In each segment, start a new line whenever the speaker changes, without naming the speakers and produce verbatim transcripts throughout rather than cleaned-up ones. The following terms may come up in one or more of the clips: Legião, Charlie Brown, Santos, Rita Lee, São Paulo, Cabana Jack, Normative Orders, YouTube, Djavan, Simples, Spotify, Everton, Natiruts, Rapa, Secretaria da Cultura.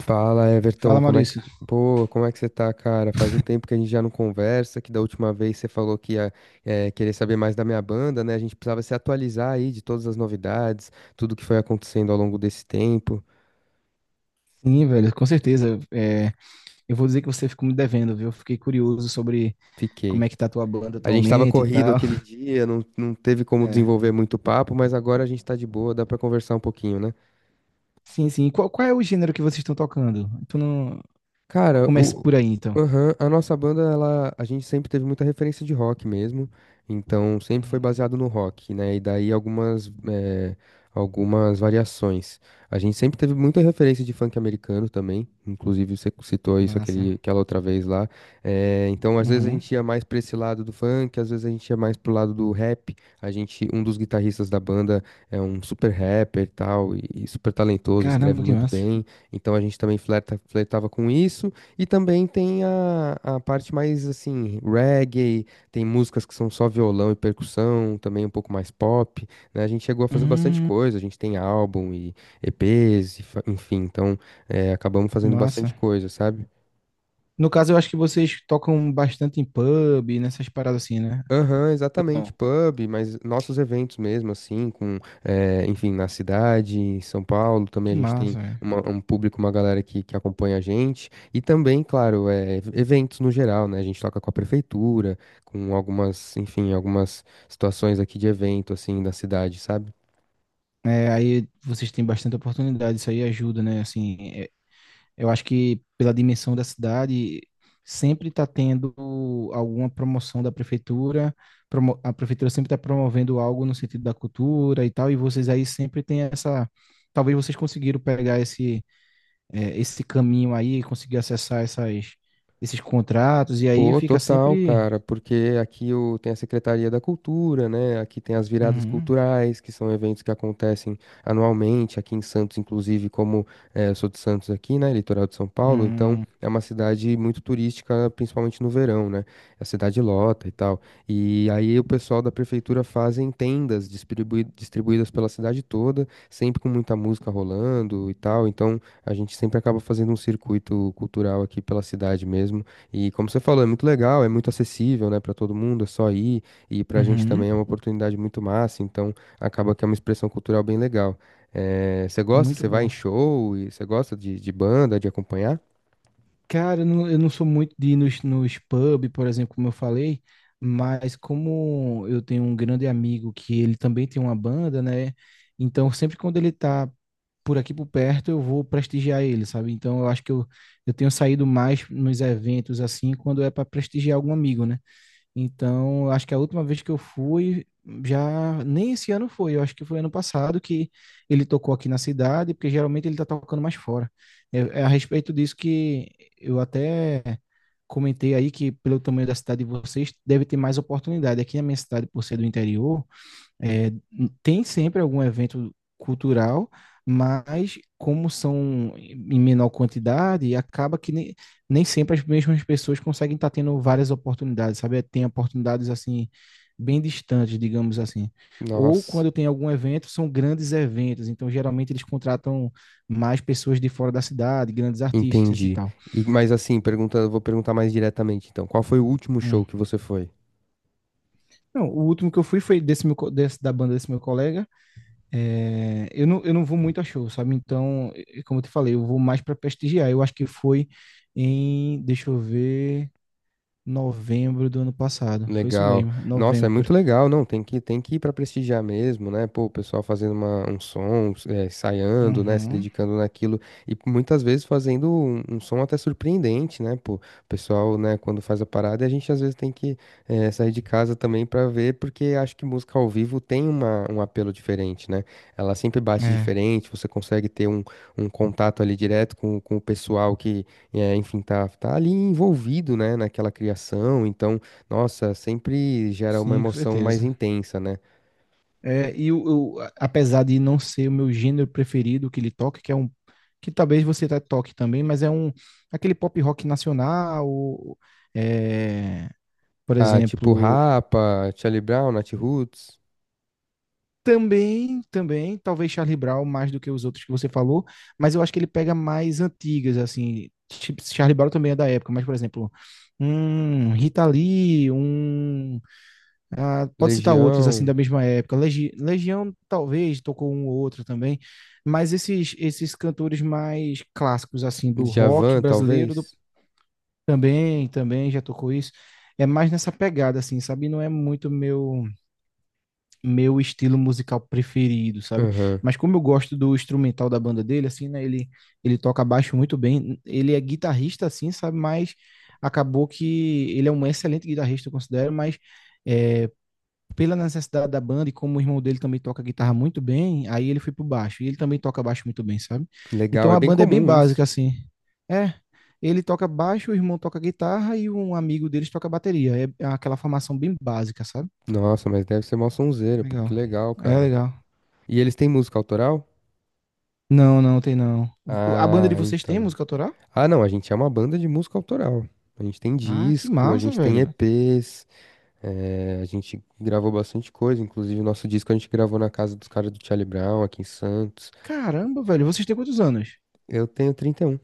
Fala, Everton,
Fala,
como é que,
Maurício.
pô, como é que você tá, cara? Faz um tempo que a gente já não conversa, que da última vez você falou que ia, eh, querer saber mais da minha banda, né? A gente precisava se atualizar aí de todas as novidades, tudo que foi acontecendo ao longo desse tempo.
Sim, velho, com certeza. É, eu vou dizer que você ficou me devendo, viu? Fiquei curioso sobre como
Fiquei.
é que tá a tua banda
A gente tava
atualmente e
corrido
tal.
aquele dia, não, não teve como
É.
desenvolver muito papo, mas agora a gente tá de boa, dá pra conversar um pouquinho, né?
Sim, sim. Qual, qual é o gênero que vocês estão tocando? Tu não...
Cara,
Comece
o,
por aí, então.
aham, a nossa banda, ela, a gente sempre teve muita referência de rock mesmo, então sempre foi
Uhum.
baseado no rock, né? E daí algumas, eh, algumas variações. A gente sempre teve muita referência de funk americano também, inclusive você citou isso aquele,
Massa.
aquela outra vez lá. Eh, então, às vezes a
Uhum.
gente ia mais pra esse lado do funk, às vezes a gente ia mais pro lado do rap. A gente, um dos guitarristas da banda é um super rapper e tal, e e super talentoso, escreve
Caramba, que
muito
massa.
bem. Então a gente também flerta, flertava com isso. E também tem a, a parte mais assim, reggae, tem músicas que são só violão e percussão, também um pouco mais pop, né? A gente chegou a fazer bastante
Uhum.
coisa, a gente tem álbum e EPs, e fa- enfim, então é, acabamos
Que
fazendo bastante
massa.
coisa, sabe?
No caso, eu acho que vocês tocam bastante em pub, nessas paradas assim, né?
Aham,
Ou
exatamente,
não?
pub, mas nossos eventos mesmo, assim, com, eh, enfim, na cidade, em São Paulo, também
Que
a gente tem
massa, velho.
uma- um público, uma galera que, que acompanha a gente, e também, claro, eh, eventos no geral, né, a gente toca com a prefeitura, com algumas, enfim, algumas situações aqui de evento, assim, da cidade, sabe?
É, aí vocês têm bastante oportunidade, isso aí ajuda, né? Assim, é, eu acho que pela dimensão da cidade, sempre está tendo alguma promoção da prefeitura, promo- a prefeitura sempre está promovendo algo no sentido da cultura e tal, e vocês aí sempre têm essa. Talvez vocês conseguiram pegar esse, eh, esse caminho aí, conseguir acessar essas, esses contratos, e aí
Pô,
fica
total,
sempre.
cara, porque aqui o, tem a Secretaria da Cultura, né? Aqui tem as viradas
Uhum,
culturais, que são eventos que acontecem anualmente, aqui em Santos, inclusive, como eh, eu sou de Santos aqui, né? Litoral de São Paulo, então
uhum,
é uma cidade muito turística, principalmente no verão, né? A cidade lota e tal. E aí o pessoal da prefeitura fazem tendas distribui- distribuídas pela cidade toda, sempre com muita música rolando e tal. Então a gente sempre acaba fazendo um circuito cultural aqui pela cidade mesmo. E como você falou, é muito legal, é muito acessível, né, para todo mundo, é só ir, e pra gente
uhum.
também é uma oportunidade muito massa, então acaba que é uma expressão cultural bem legal. Eh, você gosta,
Muito
você vai em
bom.
show, e você gosta de, de banda, de acompanhar?
Cara, eu não, eu não sou muito de ir nos, nos pub, por exemplo, como eu falei, mas como eu tenho um grande amigo que ele também tem uma banda, né? Então, sempre quando ele tá por aqui por perto, eu vou prestigiar ele, sabe? Então, eu acho que eu, eu tenho saído mais nos eventos assim, quando é para prestigiar algum amigo, né? Então, acho que a última vez que eu fui, já nem esse ano foi, eu acho que foi ano passado que ele tocou aqui na cidade, porque geralmente ele tá tocando mais fora. É, é a respeito disso que eu até comentei aí que pelo tamanho da cidade de vocês deve ter mais oportunidade. Aqui na minha cidade, por ser do interior, é, tem sempre algum evento cultural, mas como são em menor quantidade, acaba que nem, nem sempre as mesmas pessoas conseguem estar tendo várias oportunidades, sabe? Tem oportunidades assim bem distantes, digamos assim. Ou
Nossa,
quando tem algum evento, são grandes eventos, então geralmente eles contratam mais pessoas de fora da cidade, grandes artistas e
entendi.
tal.
E, mas assim, pergunta, vou perguntar mais diretamente, então, qual foi o último
Hum.
show que você foi?
Não, o último que eu fui foi desse, meu, co- desse da banda desse meu colega. É, eu não, eu não vou muito a show, sabe? Então, eh, como eu te falei, eu vou mais para prestigiar. Eu acho que foi em, deixa eu ver, novembro do ano passado. Foi isso
Legal.
mesmo,
Nossa, é
novembro.
muito legal, não, tem que, tem que ir para prestigiar mesmo, né? Pô, o pessoal fazendo uma, um som, é, ensaiando, né? Se
Uhum.
dedicando naquilo e muitas vezes fazendo um, um som até surpreendente, né? Pô, o pessoal, né, quando faz a parada, a gente às vezes tem que é, sair de casa também para ver, porque acho que música ao vivo tem uma, um apelo diferente, né? Ela sempre bate
É,
diferente, você consegue ter um, um contato ali direto com, com o pessoal que, é, enfim, tá, tá ali envolvido, né, naquela criação, então. Nossa, sempre gera uma
sim, com
emoção mais
certeza.
intensa, né?
É, e eu, eu, a- apesar de não ser o meu gênero preferido que ele toca, que é um que talvez você até toque também, mas é um aquele pop rock nacional, é, por
Ah, tipo
exemplo.
Rapa, Charlie Brown, Natiruts,
Também, também, talvez Charlie Brown mais do que os outros que você falou, mas eu acho que ele pega mais antigas, assim. Tipo, Charlie Brown também é da época, mas, por exemplo, um Rita Lee, um. Ah, pode citar outros, assim,
Legião,
da mesma época. Legi- Legião, talvez, tocou um ou outro também, mas esses, esses cantores mais clássicos, assim, do rock
Djavan,
brasileiro, do-
talvez.
também, também já tocou isso. É mais nessa pegada, assim, sabe? Não é muito meu meu estilo musical preferido, sabe?
Aham.
Mas como eu gosto do instrumental da banda dele, assim, né? Ele, ele toca baixo muito bem. Ele é guitarrista, assim, sabe? Mas acabou que ele é um excelente guitarrista, eu considero, mas é, pela necessidade da banda e como o irmão dele também toca guitarra muito bem, aí ele foi pro baixo. E ele também toca baixo muito bem, sabe?
Legal,
Então
é
a
bem
banda é bem
comum
básica,
isso.
assim. É. Ele toca baixo, o irmão toca guitarra e um amigo deles toca bateria. É é aquela formação bem básica, sabe?
Nossa, mas deve ser mó sonzeira, pô, que
Legal.
legal,
É
cara.
legal.
E eles têm música autoral?
Não, não tem não. O- A banda
Ah,
de vocês tem
então.
música autoral?
Ah, não, a gente é uma banda de música autoral. A gente tem
Ah, que
disco, a
massa,
gente tem
velho.
E Pês, eh, a gente gravou bastante coisa, inclusive o nosso disco a gente gravou na casa dos caras do Charlie Brown, aqui em Santos.
Caramba, velho, vocês têm quantos anos?
Eu tenho trinta e um.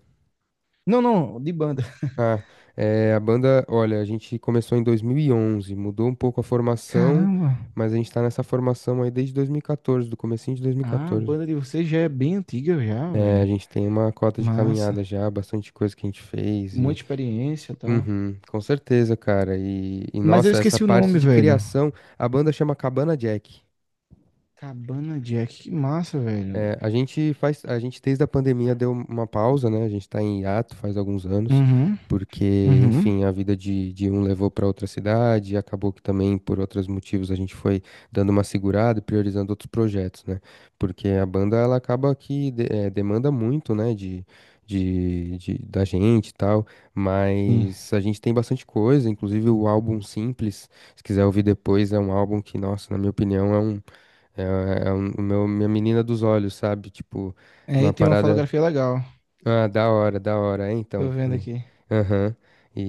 Não, não, de banda.
Ah, é, a banda, olha, a gente começou em dois mil e onze, mudou um pouco a formação,
Caramba.
mas a gente tá nessa formação aí desde dois mil e quatorze, do comecinho de
Ah, a
dois mil e quatorze.
banda de vocês já é bem antiga já,
É, a
velho.
gente tem uma cota de
Massa.
caminhada já, bastante coisa que a gente fez e...
Muita experiência e tal.
Uhum, com certeza, cara. E, e,
Mas eu
nossa, essa
esqueci o
parte
nome,
de
velho.
criação, a banda chama Cabana Jack.
Cabana Jack, que massa, velho.
É, a gente faz, a gente desde a pandemia deu uma pausa, né? A gente tá em hiato faz alguns anos,
Uhum,
porque,
uhum.
enfim, a vida de, de um levou para outra cidade, e acabou que também por outros motivos a gente foi dando uma segurada e priorizando outros projetos, né? Porque a banda ela acaba que de- eh, demanda muito, né? De, de, de- da gente e tal,
Sim.
mas a gente tem bastante coisa, inclusive o álbum Simples, se quiser ouvir depois, é um álbum que, nossa, na minha opinião, é um é, é é um, o meu, minha menina dos olhos, sabe? Tipo, uma
Aí tem uma
parada.
fotografia legal.
Ah, da hora, da hora. É, então.
Tô vendo
E,
aqui.
aham.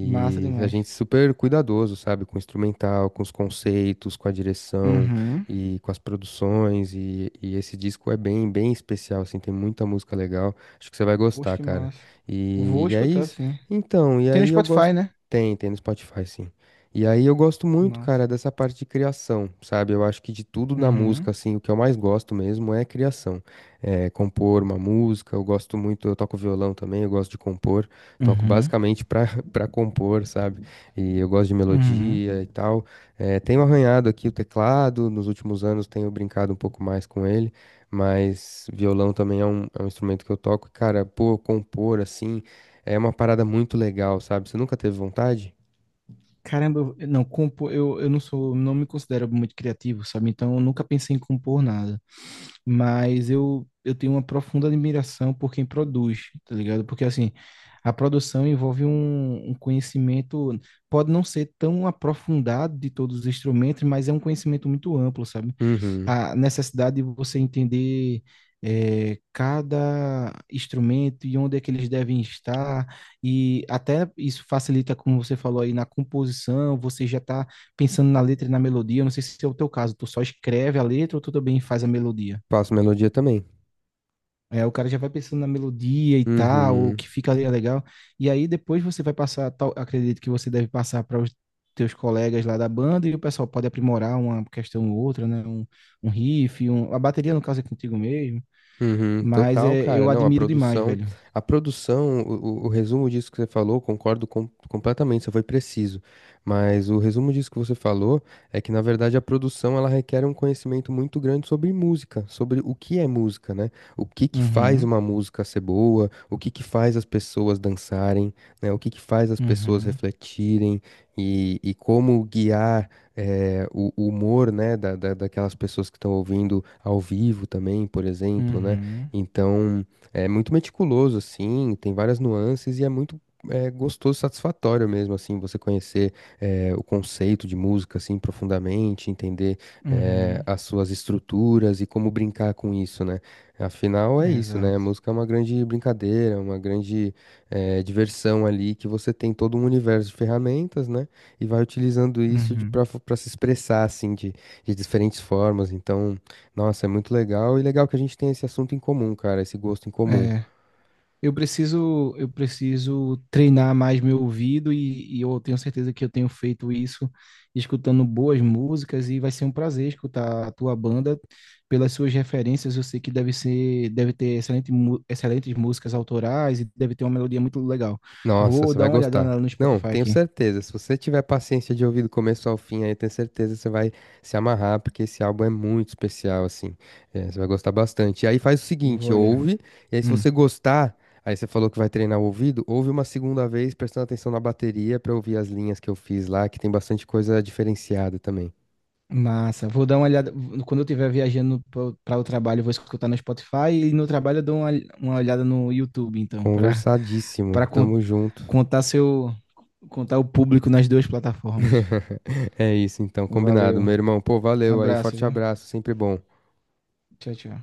Massa
a
demais.
gente super cuidadoso, sabe? Com o instrumental, com os conceitos, com a direção
Uhum.
e com as produções. E, e esse disco é bem, bem especial, assim. Tem muita música legal. Acho que você vai
Poxa,
gostar,
que
cara.
massa.
E,
Vou
e é
escutar,
isso.
sim.
Então, e
Tem no
aí eu gosto.
Spotify, né?
Tem, tem no Spotify, sim. E aí eu gosto muito,
Massa.
cara, dessa parte de criação, sabe? Eu acho que de tudo na música,
Uhum.
assim, o que eu mais gosto mesmo é a criação eh, compor uma música. Eu gosto muito, eu toco violão também, eu gosto de compor. Toco
Uhum,
basicamente para para compor, sabe? E eu gosto de
uhum.
melodia e tal. Eh, tenho arranhado aqui o teclado, nos últimos anos tenho brincado um pouco mais com ele, mas violão também é um, é um instrumento que eu toco. E, Cara, pô, compor assim é uma parada muito legal, sabe? Você nunca teve vontade?
Caramba, eu- eu não, compor, eu, eu não sou, não me considero muito criativo, sabe? Então eu nunca pensei em compor nada. Mas eu, eu tenho uma profunda admiração por quem produz, tá ligado? Porque assim, a produção envolve um, um conhecimento, pode não ser tão aprofundado de todos os instrumentos, mas é um conhecimento muito amplo, sabe?
Uhum.
A necessidade de você entender é, cada instrumento e onde é que eles devem estar, e até isso facilita, como você falou aí, na composição, você já está pensando na letra e na melodia. Eu não sei se é o teu caso, tu só escreve a letra ou tu também faz a melodia?
Faço melodia também.
É, o cara já vai pensando na melodia e tal, o
Uhum.
que fica ali é legal. E aí depois você vai passar, tal- acredito que você deve passar para os teus colegas lá da banda e o pessoal pode aprimorar uma questão ou outra, né? Um, um riff, um- a bateria no caso é contigo mesmo,
Uhum,
mas
total,
é,
cara.
eu
Não, a
admiro demais,
produção,
velho.
a produção, o, o- o resumo disso que você falou, concordo com- completamente, você foi preciso. Mas o resumo disso que você falou é que, na verdade, a produção ela requer um conhecimento muito grande sobre música, sobre o que é música, né? O que que faz
Uhum,
uma música ser boa, o que que faz as pessoas dançarem, né? O que que faz as pessoas
uhum,
refletirem e, e como guiar eh, o, o humor, né, da, da- daquelas pessoas que estão ouvindo ao vivo também, por exemplo, né?
uhum,
Então, é muito meticuloso, assim, tem várias nuances e é muito é gostoso, satisfatório mesmo, assim, você conhecer eh, o conceito de música, assim, profundamente, entender eh,
uhum,
as suas estruturas e como brincar com isso, né? Afinal, é isso, né? A
exato.
música é uma grande brincadeira, uma grande eh, diversão ali, que você tem todo um universo de ferramentas, né? E vai utilizando isso de para
Uhum.
se expressar assim de, de diferentes formas. Então, nossa, é muito legal e legal que a gente tem esse assunto em comum, cara, esse gosto em comum.
É. Eu preciso, eu preciso treinar mais meu ouvido e, e eu tenho certeza que eu tenho feito isso escutando boas músicas e vai ser um prazer escutar a tua banda. Pelas suas referências, eu sei que deve ser, deve ter excelente, mu- excelentes músicas autorais e deve ter uma melodia muito legal.
Nossa,
Vou
você
dar
vai
uma olhada
gostar.
na- no
Não,
Spotify
tenho
aqui.
certeza. Se você tiver paciência de ouvir do começo ao fim, aí eu tenho certeza que você vai se amarrar, porque esse álbum é muito especial, assim. É, você vai gostar bastante. E aí faz o
Vou
seguinte,
olhar.
ouve, e aí se
Hum,
você gostar, aí você falou que vai treinar o ouvido, ouve uma segunda vez prestando atenção na bateria pra ouvir as linhas que eu fiz lá, que tem bastante coisa diferenciada também.
massa. Vou dar uma olhada. Quando eu estiver viajando para o trabalho, eu vou escutar no Spotify e no trabalho eu dou uma, uma olhada no YouTube, então, para para
Conversadíssimo.
con-
Tamo junto.
contar seu contar o público nas duas plataformas.
É isso, então, combinado.
Valeu.
Meu irmão, pô,
Um
valeu aí.
abraço,
Forte
viu?
abraço, sempre bom.
Tchau, tchau.